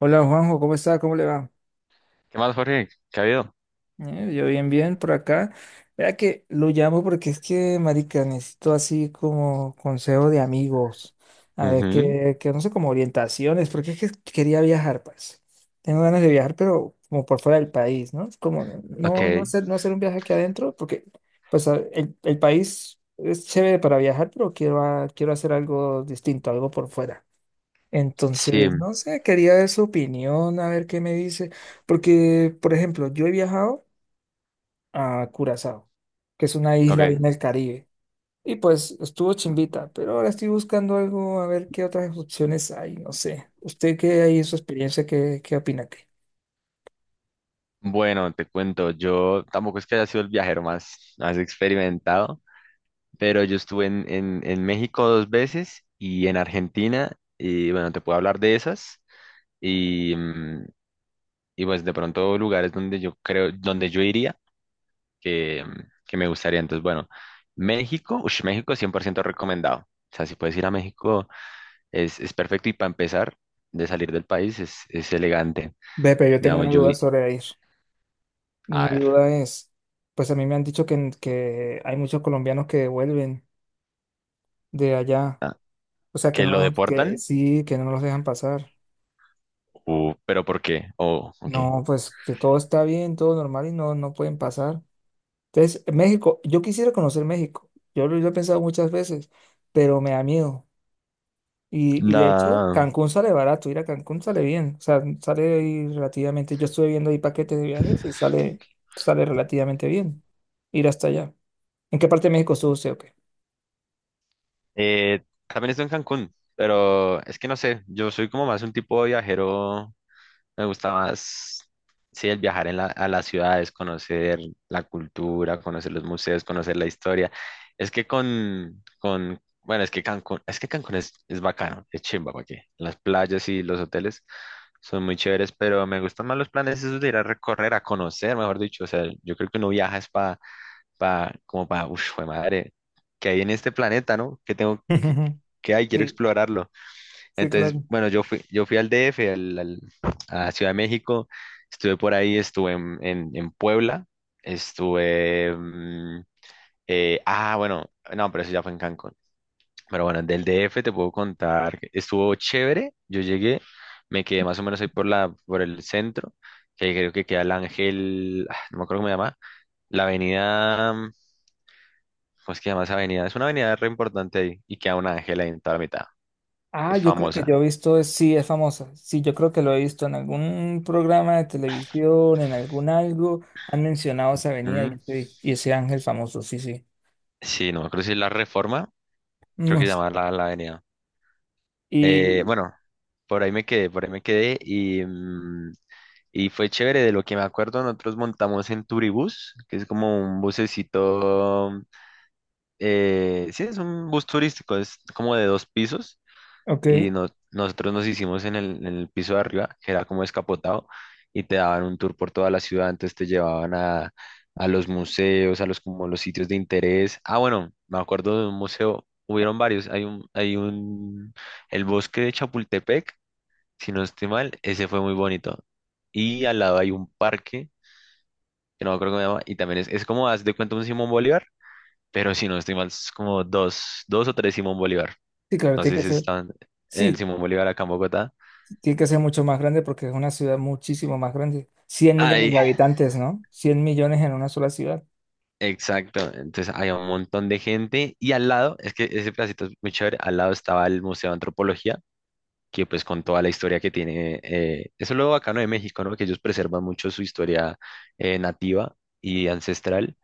Hola Juanjo, ¿cómo está? ¿Cómo le va? ¿Qué más, Jorge? ¿Qué ha habido? Yo bien, bien por acá. Vea que lo llamo porque es que, marica, necesito así como consejo de amigos. A ver, Ujú. que no sé, como orientaciones, porque es que quería viajar, pues. Tengo ganas de viajar, pero como por fuera del país, ¿no? Es como Ok. no hacer un viaje aquí adentro, porque pues el país es chévere para viajar, pero quiero hacer algo distinto, algo por fuera. Sí, Entonces, no sé, quería ver su opinión, a ver qué me dice, porque, por ejemplo, yo he viajado a Curazao, que es una isla ahí en ok. el Caribe, y pues estuvo chimbita, pero ahora estoy buscando algo, a ver qué otras opciones hay, no sé. ¿Usted qué hay en su experiencia, qué opina? Que Bueno, te cuento, yo tampoco es que haya sido el viajero más, más experimentado, pero yo estuve en, en México dos veces y en Argentina, y bueno, te puedo hablar de esas, y, mm, y pues de pronto lugares donde yo creo, donde yo iría, que me gustaría. Entonces, bueno, México, ush, México 100% recomendado. O sea, si puedes ir a México, es perfecto y para empezar, de salir del país es elegante. Ve, pero yo tengo Digamos, una yo duda vi, sobre ir. a Mi ver, duda es, pues a mí me han dicho que hay muchos colombianos que vuelven de allá, ah, o sea, que que lo no, que deportan. sí, que no los dejan pasar. Pero ¿por qué? Oh, ok. No, pues que todo está bien, todo normal y no, no pueden pasar. Entonces, México, yo quisiera conocer México. Yo lo he pensado muchas veces, pero me da miedo. Y de hecho, Nada. Cancún sale barato, ir a Cancún sale bien. O sea, sale ahí relativamente. Yo estuve viendo ahí paquetes de viajes y sale relativamente bien ir hasta allá. ¿En qué parte de México estuvo usted o qué? También estoy en Cancún, pero es que no sé, yo soy como más un tipo de viajero. Me gusta más, sí, el viajar en a las ciudades, conocer la cultura, conocer los museos, conocer la historia. Es que bueno, es que Cancún, es que Cancún es bacano, es chimba, ¿para qué? Las playas y los hoteles son muy chéveres, pero me gustan más los planes esos de ir a recorrer, a conocer, mejor dicho. O sea, yo creo que uno viaja es para, como para, uff, madre, ¿qué hay en este planeta, no? ¿Qué tengo, que qué qué hay? Quiero Sí, explorarlo. sí, Entonces, claro. bueno, yo fui al DF, a Ciudad de México, estuve por ahí, estuve en, en Puebla, estuve. Bueno, no, pero eso ya fue en Cancún. Pero bueno, del DF te puedo contar, que estuvo chévere, yo llegué, me quedé más o menos ahí por el centro, que creo que queda el Ángel, no me acuerdo cómo se llama, la avenida, ¿cómo es que se llama esa avenida? Es una avenida re importante ahí, y queda un ángel ahí en toda la mitad, Ah, es yo creo que yo famosa. he visto, sí, es famosa. Sí, yo creo que lo he visto en algún programa de televisión, en algún algo. Han mencionado esa avenida y ese ángel famoso, sí, sí. Sí, no me acuerdo si es la Reforma, creo que Mm. se llama la avenida. Y, Bueno, por ahí me quedé y fue chévere. De lo que me acuerdo, nosotros montamos en Turibús, que es como un bucecito, sí, es un bus turístico, es como de dos pisos ok, y nosotros nos hicimos en el piso de arriba, que era como escapotado, y te daban un tour por toda la ciudad, entonces te llevaban a los museos, a los como los sitios de interés. Ah, bueno, me acuerdo de un museo, hubieron varios, el bosque de Chapultepec, si no estoy mal, ese fue muy bonito. Y al lado hay un parque, que no me acuerdo cómo se llama, y también es como, haz de cuenta un Simón Bolívar, pero si no estoy mal, es como dos o tres Simón Bolívar. sí, claro, No tiene sé que si ser, están en el sí, Simón Bolívar acá en Bogotá. tiene que ser mucho más grande porque es una ciudad muchísimo más grande. 100 millones Ay, de habitantes, ¿no? 100 millones en una sola ciudad. exacto. Entonces había un montón de gente y al lado, es que ese pedacito es muy chévere, al lado estaba el Museo de Antropología, que pues con toda la historia que tiene, eso es lo bacano de México, ¿no? Que ellos preservan mucho su historia, nativa y ancestral,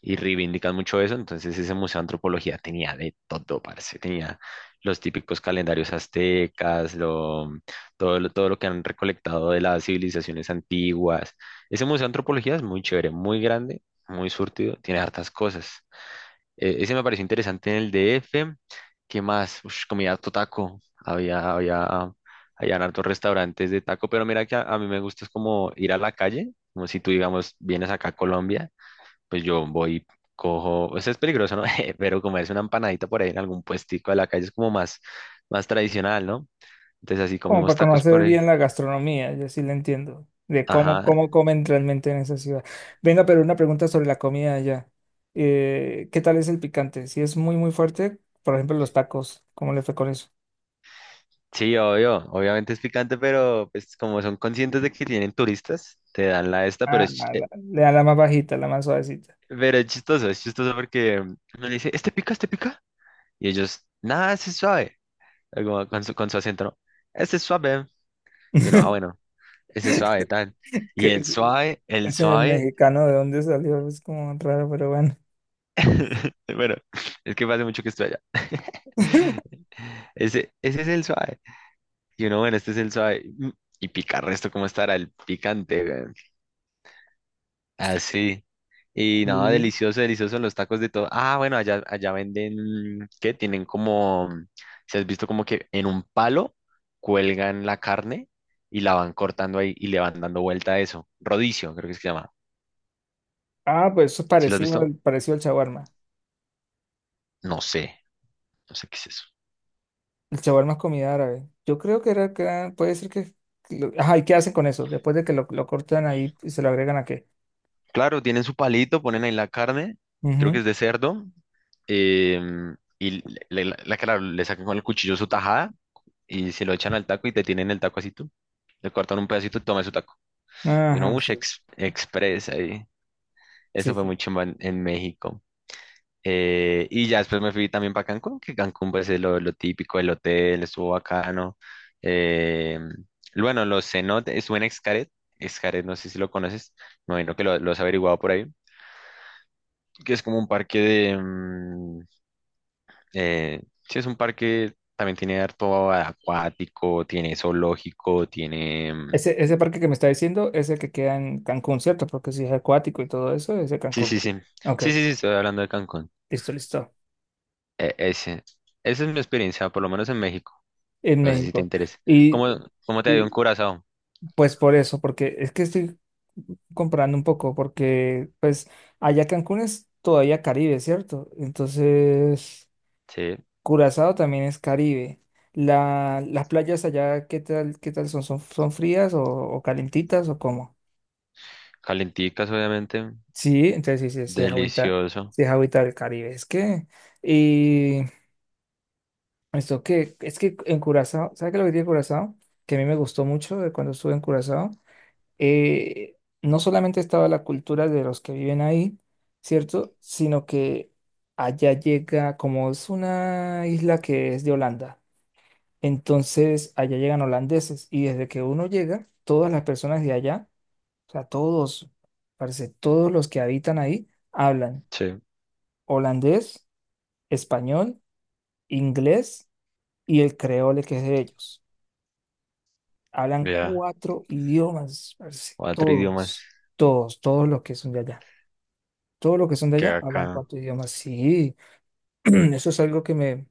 y reivindican mucho eso. Entonces, ese museo de antropología tenía de todo, parce. Tenía los típicos calendarios aztecas, lo, mm, todo lo que han recolectado de las civilizaciones antiguas. Ese museo de antropología es muy chévere, muy grande, muy surtido, tiene hartas cosas. Ese me pareció interesante en el DF. ¿Qué más? Ush, comida totaco. Habían hartos restaurantes de taco, pero mira que a mí me gusta es como ir a la calle, como si tú, digamos, vienes acá a Colombia, pues yo voy, cojo, o sea, es peligroso, ¿no? Pero como es una empanadita por ahí en algún puestico de la calle, es como más tradicional, ¿no? Entonces así Como comimos para tacos conocer por ahí. bien la gastronomía, yo sí la entiendo, de cómo, Ajá. cómo comen realmente en esa ciudad. Venga, pero una pregunta sobre la comida allá. ¿Qué tal es el picante? Si es muy, muy fuerte, por ejemplo, los tacos, ¿cómo le fue con eso? Sí, obvio, obviamente es picante, pero pues como son conscientes de que tienen turistas, te dan la esta, pero Ah, es, ch- eh, le da la más bajita, la más suavecita. pero es chistoso, es chistoso porque uno le dice, ¿este pica, este pica? Y ellos, nada, ese es suave, algo con su acento, ¿no? Este es suave. Y no, bueno, ese es suave, tal. Que Y el suave, el es el suave. mexicano, ¿de dónde salió? Es como raro, pero bueno. Bueno, es que hace mucho que estoy allá. Ese es el suave. Y uno, bueno, este es el suave. Y picar resto, ¿cómo estará el picante, weón? Así. Y nada, Sí. delicioso, delicioso los tacos de todo. Ah, bueno, allá venden, ¿qué? Tienen como, si has visto como que en un palo cuelgan la carne y la van cortando ahí y le van dando vuelta a eso. Rodicio, creo que es que se llama. Ah, pues eso es ¿Sí lo has visto? Parecido al shawarma. No sé, no sé qué es eso. El shawarma es comida árabe. Yo creo puede ser que... Ajá, ¿y qué hacen con eso? Después de que lo cortan ahí y se lo agregan a qué. Claro, tienen su palito, ponen ahí la carne, creo que Ujú. es de cerdo, y claro, le sacan con el cuchillo su tajada y se lo echan al taco y te tienen el taco así tú. Le cortan un pedacito y tomas su taco. Y uno, Ajá, uff, sí, express ahí. sí, Eso fue sí. muy chimba en México. Y ya después me fui también para Cancún, que Cancún pues es lo típico, el hotel estuvo bacano. Em, bueno, los cenotes, estuve en Xcaret, Xcaret no sé si lo conoces, me imagino que lo has averiguado por ahí. Que es como un parque de... mm, eh, sí, es un parque, también tiene harto acuático, tiene zoológico. Ese parque que me está diciendo es el que queda en Cancún, ¿cierto? Porque si es acuático y todo eso, es de Sí, Cancún. sí, sí. Ok, Sí, sí, ok. sí, estoy hablando de Cancún. Listo, listo. Ese. Esa es mi experiencia, por lo menos en México. En No sé si te México. interesa. ¿Cómo, Y, cómo te ha ido en y Curazao? pues por eso, porque es que estoy comparando un poco, porque pues allá Cancún es todavía Caribe, ¿cierto? Entonces... Sí. Curazao también es Caribe. Las playas allá, ¿qué tal son? ¿Son frías o calentitas o cómo? Calenticas, obviamente. Sí, entonces sí, sí, Delicioso. sí es agüita del Caribe. Es que, y esto que, es que en Curazao, ¿sabes qué es lo que tiene Curazao? Que a mí me gustó mucho de cuando estuve en Curazao. eh, no solamente estaba la cultura de los que viven ahí, ¿cierto? Sino que allá llega, como es una isla que es de Holanda. Entonces, allá llegan holandeses y desde que uno llega, todas las personas de allá, o sea, todos, parece, todos los que habitan ahí, hablan Sí. holandés, español, inglés y el creole que es de ellos. Hablan Ya. cuatro idiomas, parce, Cuatro idiomas, todos, todos, todos los que son de allá. Todos los que son de que allá hablan acá. cuatro idiomas, sí. Eso es algo que me,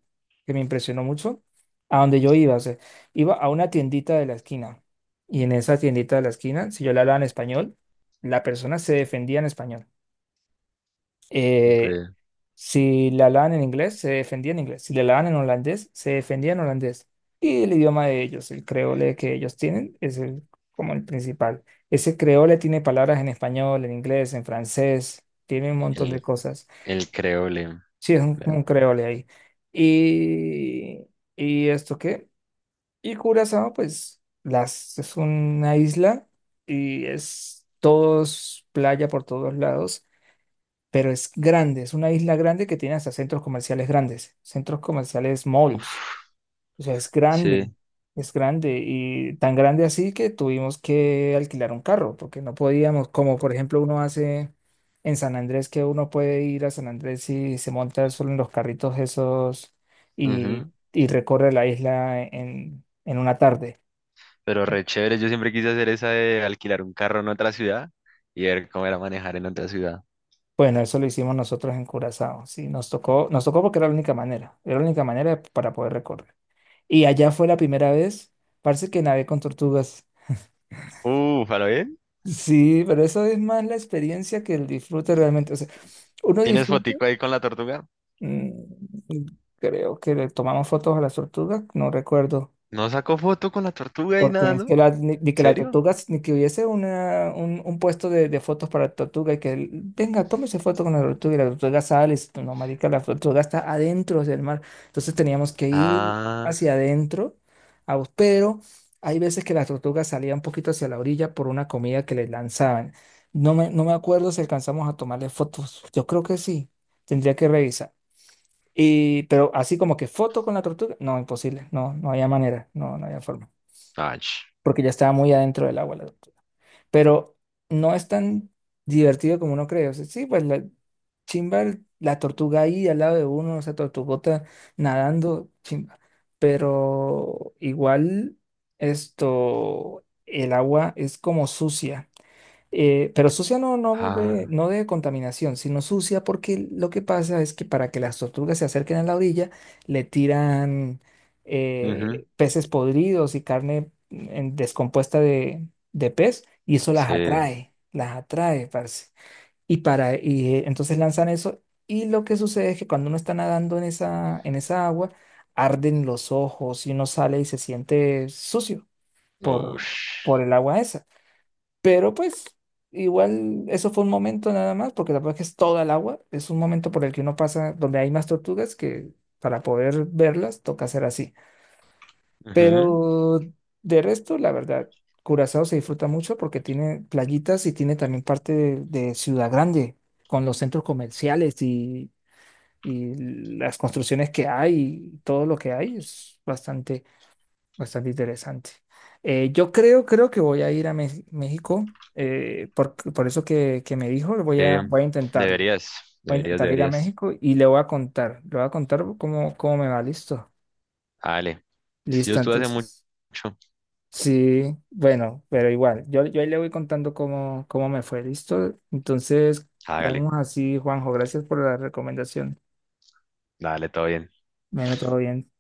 que me impresionó mucho. A donde yo iba, o sea, iba a una tiendita de la esquina. Y en esa tiendita de la esquina, si yo le hablaba en español, la persona se defendía en español. Eh, Siempre. si le hablaban en inglés, se defendía en inglés. Si le hablaban en holandés, se defendía en holandés. Y el idioma de ellos, el creole que ellos tienen, como el principal. Ese creole tiene palabras en español, en inglés, en francés, tiene un montón de El, cosas. el creole. Sí, Ya. como un creole ahí. Y, ¿Y esto qué? Y Curazao, pues, es una isla y es todos playa por todos lados, pero es grande, es una isla grande que tiene hasta centros comerciales grandes, centros comerciales malls. Uf, O sea, sí. es grande y tan grande así que tuvimos que alquilar un carro porque no podíamos, como por ejemplo uno hace en San Andrés, que uno puede ir a San Andrés y se monta solo en los carritos esos y, Ujú. Recorre la isla en una tarde. Pero re chévere, yo siempre quise hacer esa de alquilar un carro en otra ciudad y ver cómo era manejar en otra ciudad. Bueno, eso lo hicimos nosotros en Curazao, sí, nos tocó porque era la única manera, era la única manera para poder recorrer. Y allá fue la primera vez, parece que nadé con tortugas. Uf, ¿a lo bien? Sí, pero eso es más la experiencia que el disfrute realmente. O sea, uno ¿Tienes disfruta, fotico ahí con la tortuga? mm, creo que le tomamos fotos a las tortugas, no recuerdo. ¿No sacó foto con la tortuga ahí Porque es nadando? que ¿En la, ni que la ¿Serio? tortuga, ni que hubiese un puesto de fotos para la tortuga y que, él, venga, tómese foto con la tortuga y la tortuga sale, y dice, no, marica, la tortuga está adentro del mar. Entonces teníamos que ir Ah, hacia adentro, pero hay veces que la tortuga salía un poquito hacia la orilla por una comida que le lanzaban. No me acuerdo si alcanzamos a tomarle fotos. Yo creo que sí, tendría que revisar. Pero así como que foto con la tortuga, no, imposible, no, no había manera, no, no había forma ach, porque ya estaba muy adentro del agua la tortuga. Pero no es tan divertido como uno cree. O sea, sí, pues la chimba, la tortuga ahí al lado de uno, esa tortugota nadando, chimba. Pero igual esto, el agua es como sucia. Pero sucia no, no de, ah, no de contaminación, sino sucia porque lo que pasa es que para que las tortugas se acerquen a la orilla, le tiran ujú, peces podridos y carne descompuesta de pez y eso sí, las atrae, parce. Y, para, y entonces lanzan eso y lo que sucede es que cuando uno está nadando en esa agua, arden los ojos y uno sale y se siente sucio por, ush, por el agua esa. Pero pues igual eso fue un momento nada más, porque la verdad que es toda el agua, es un momento por el que uno pasa donde hay más tortugas que para poder verlas toca hacer así. ujú, Pero de resto, la verdad, Curazao se disfruta mucho porque tiene playitas y tiene también parte de Ciudad Grande, con los centros comerciales y las construcciones que hay y todo lo que hay es bastante... Bastante interesante. Creo que voy a ir a México, por eso que me dijo, sí, voy a intentarlo. deberías, Voy a deberías, intentar ir a deberías. México y le voy a contar, le voy a contar cómo me va, listo. Dale, si yo Listo, estuve hace mucho, entonces. Sí, bueno, pero igual, yo ahí le voy contando cómo me fue, listo. Entonces, hágale, quedamos así, Juanjo, gracias por la recomendación. dale, todo bien. Bueno, todo bien.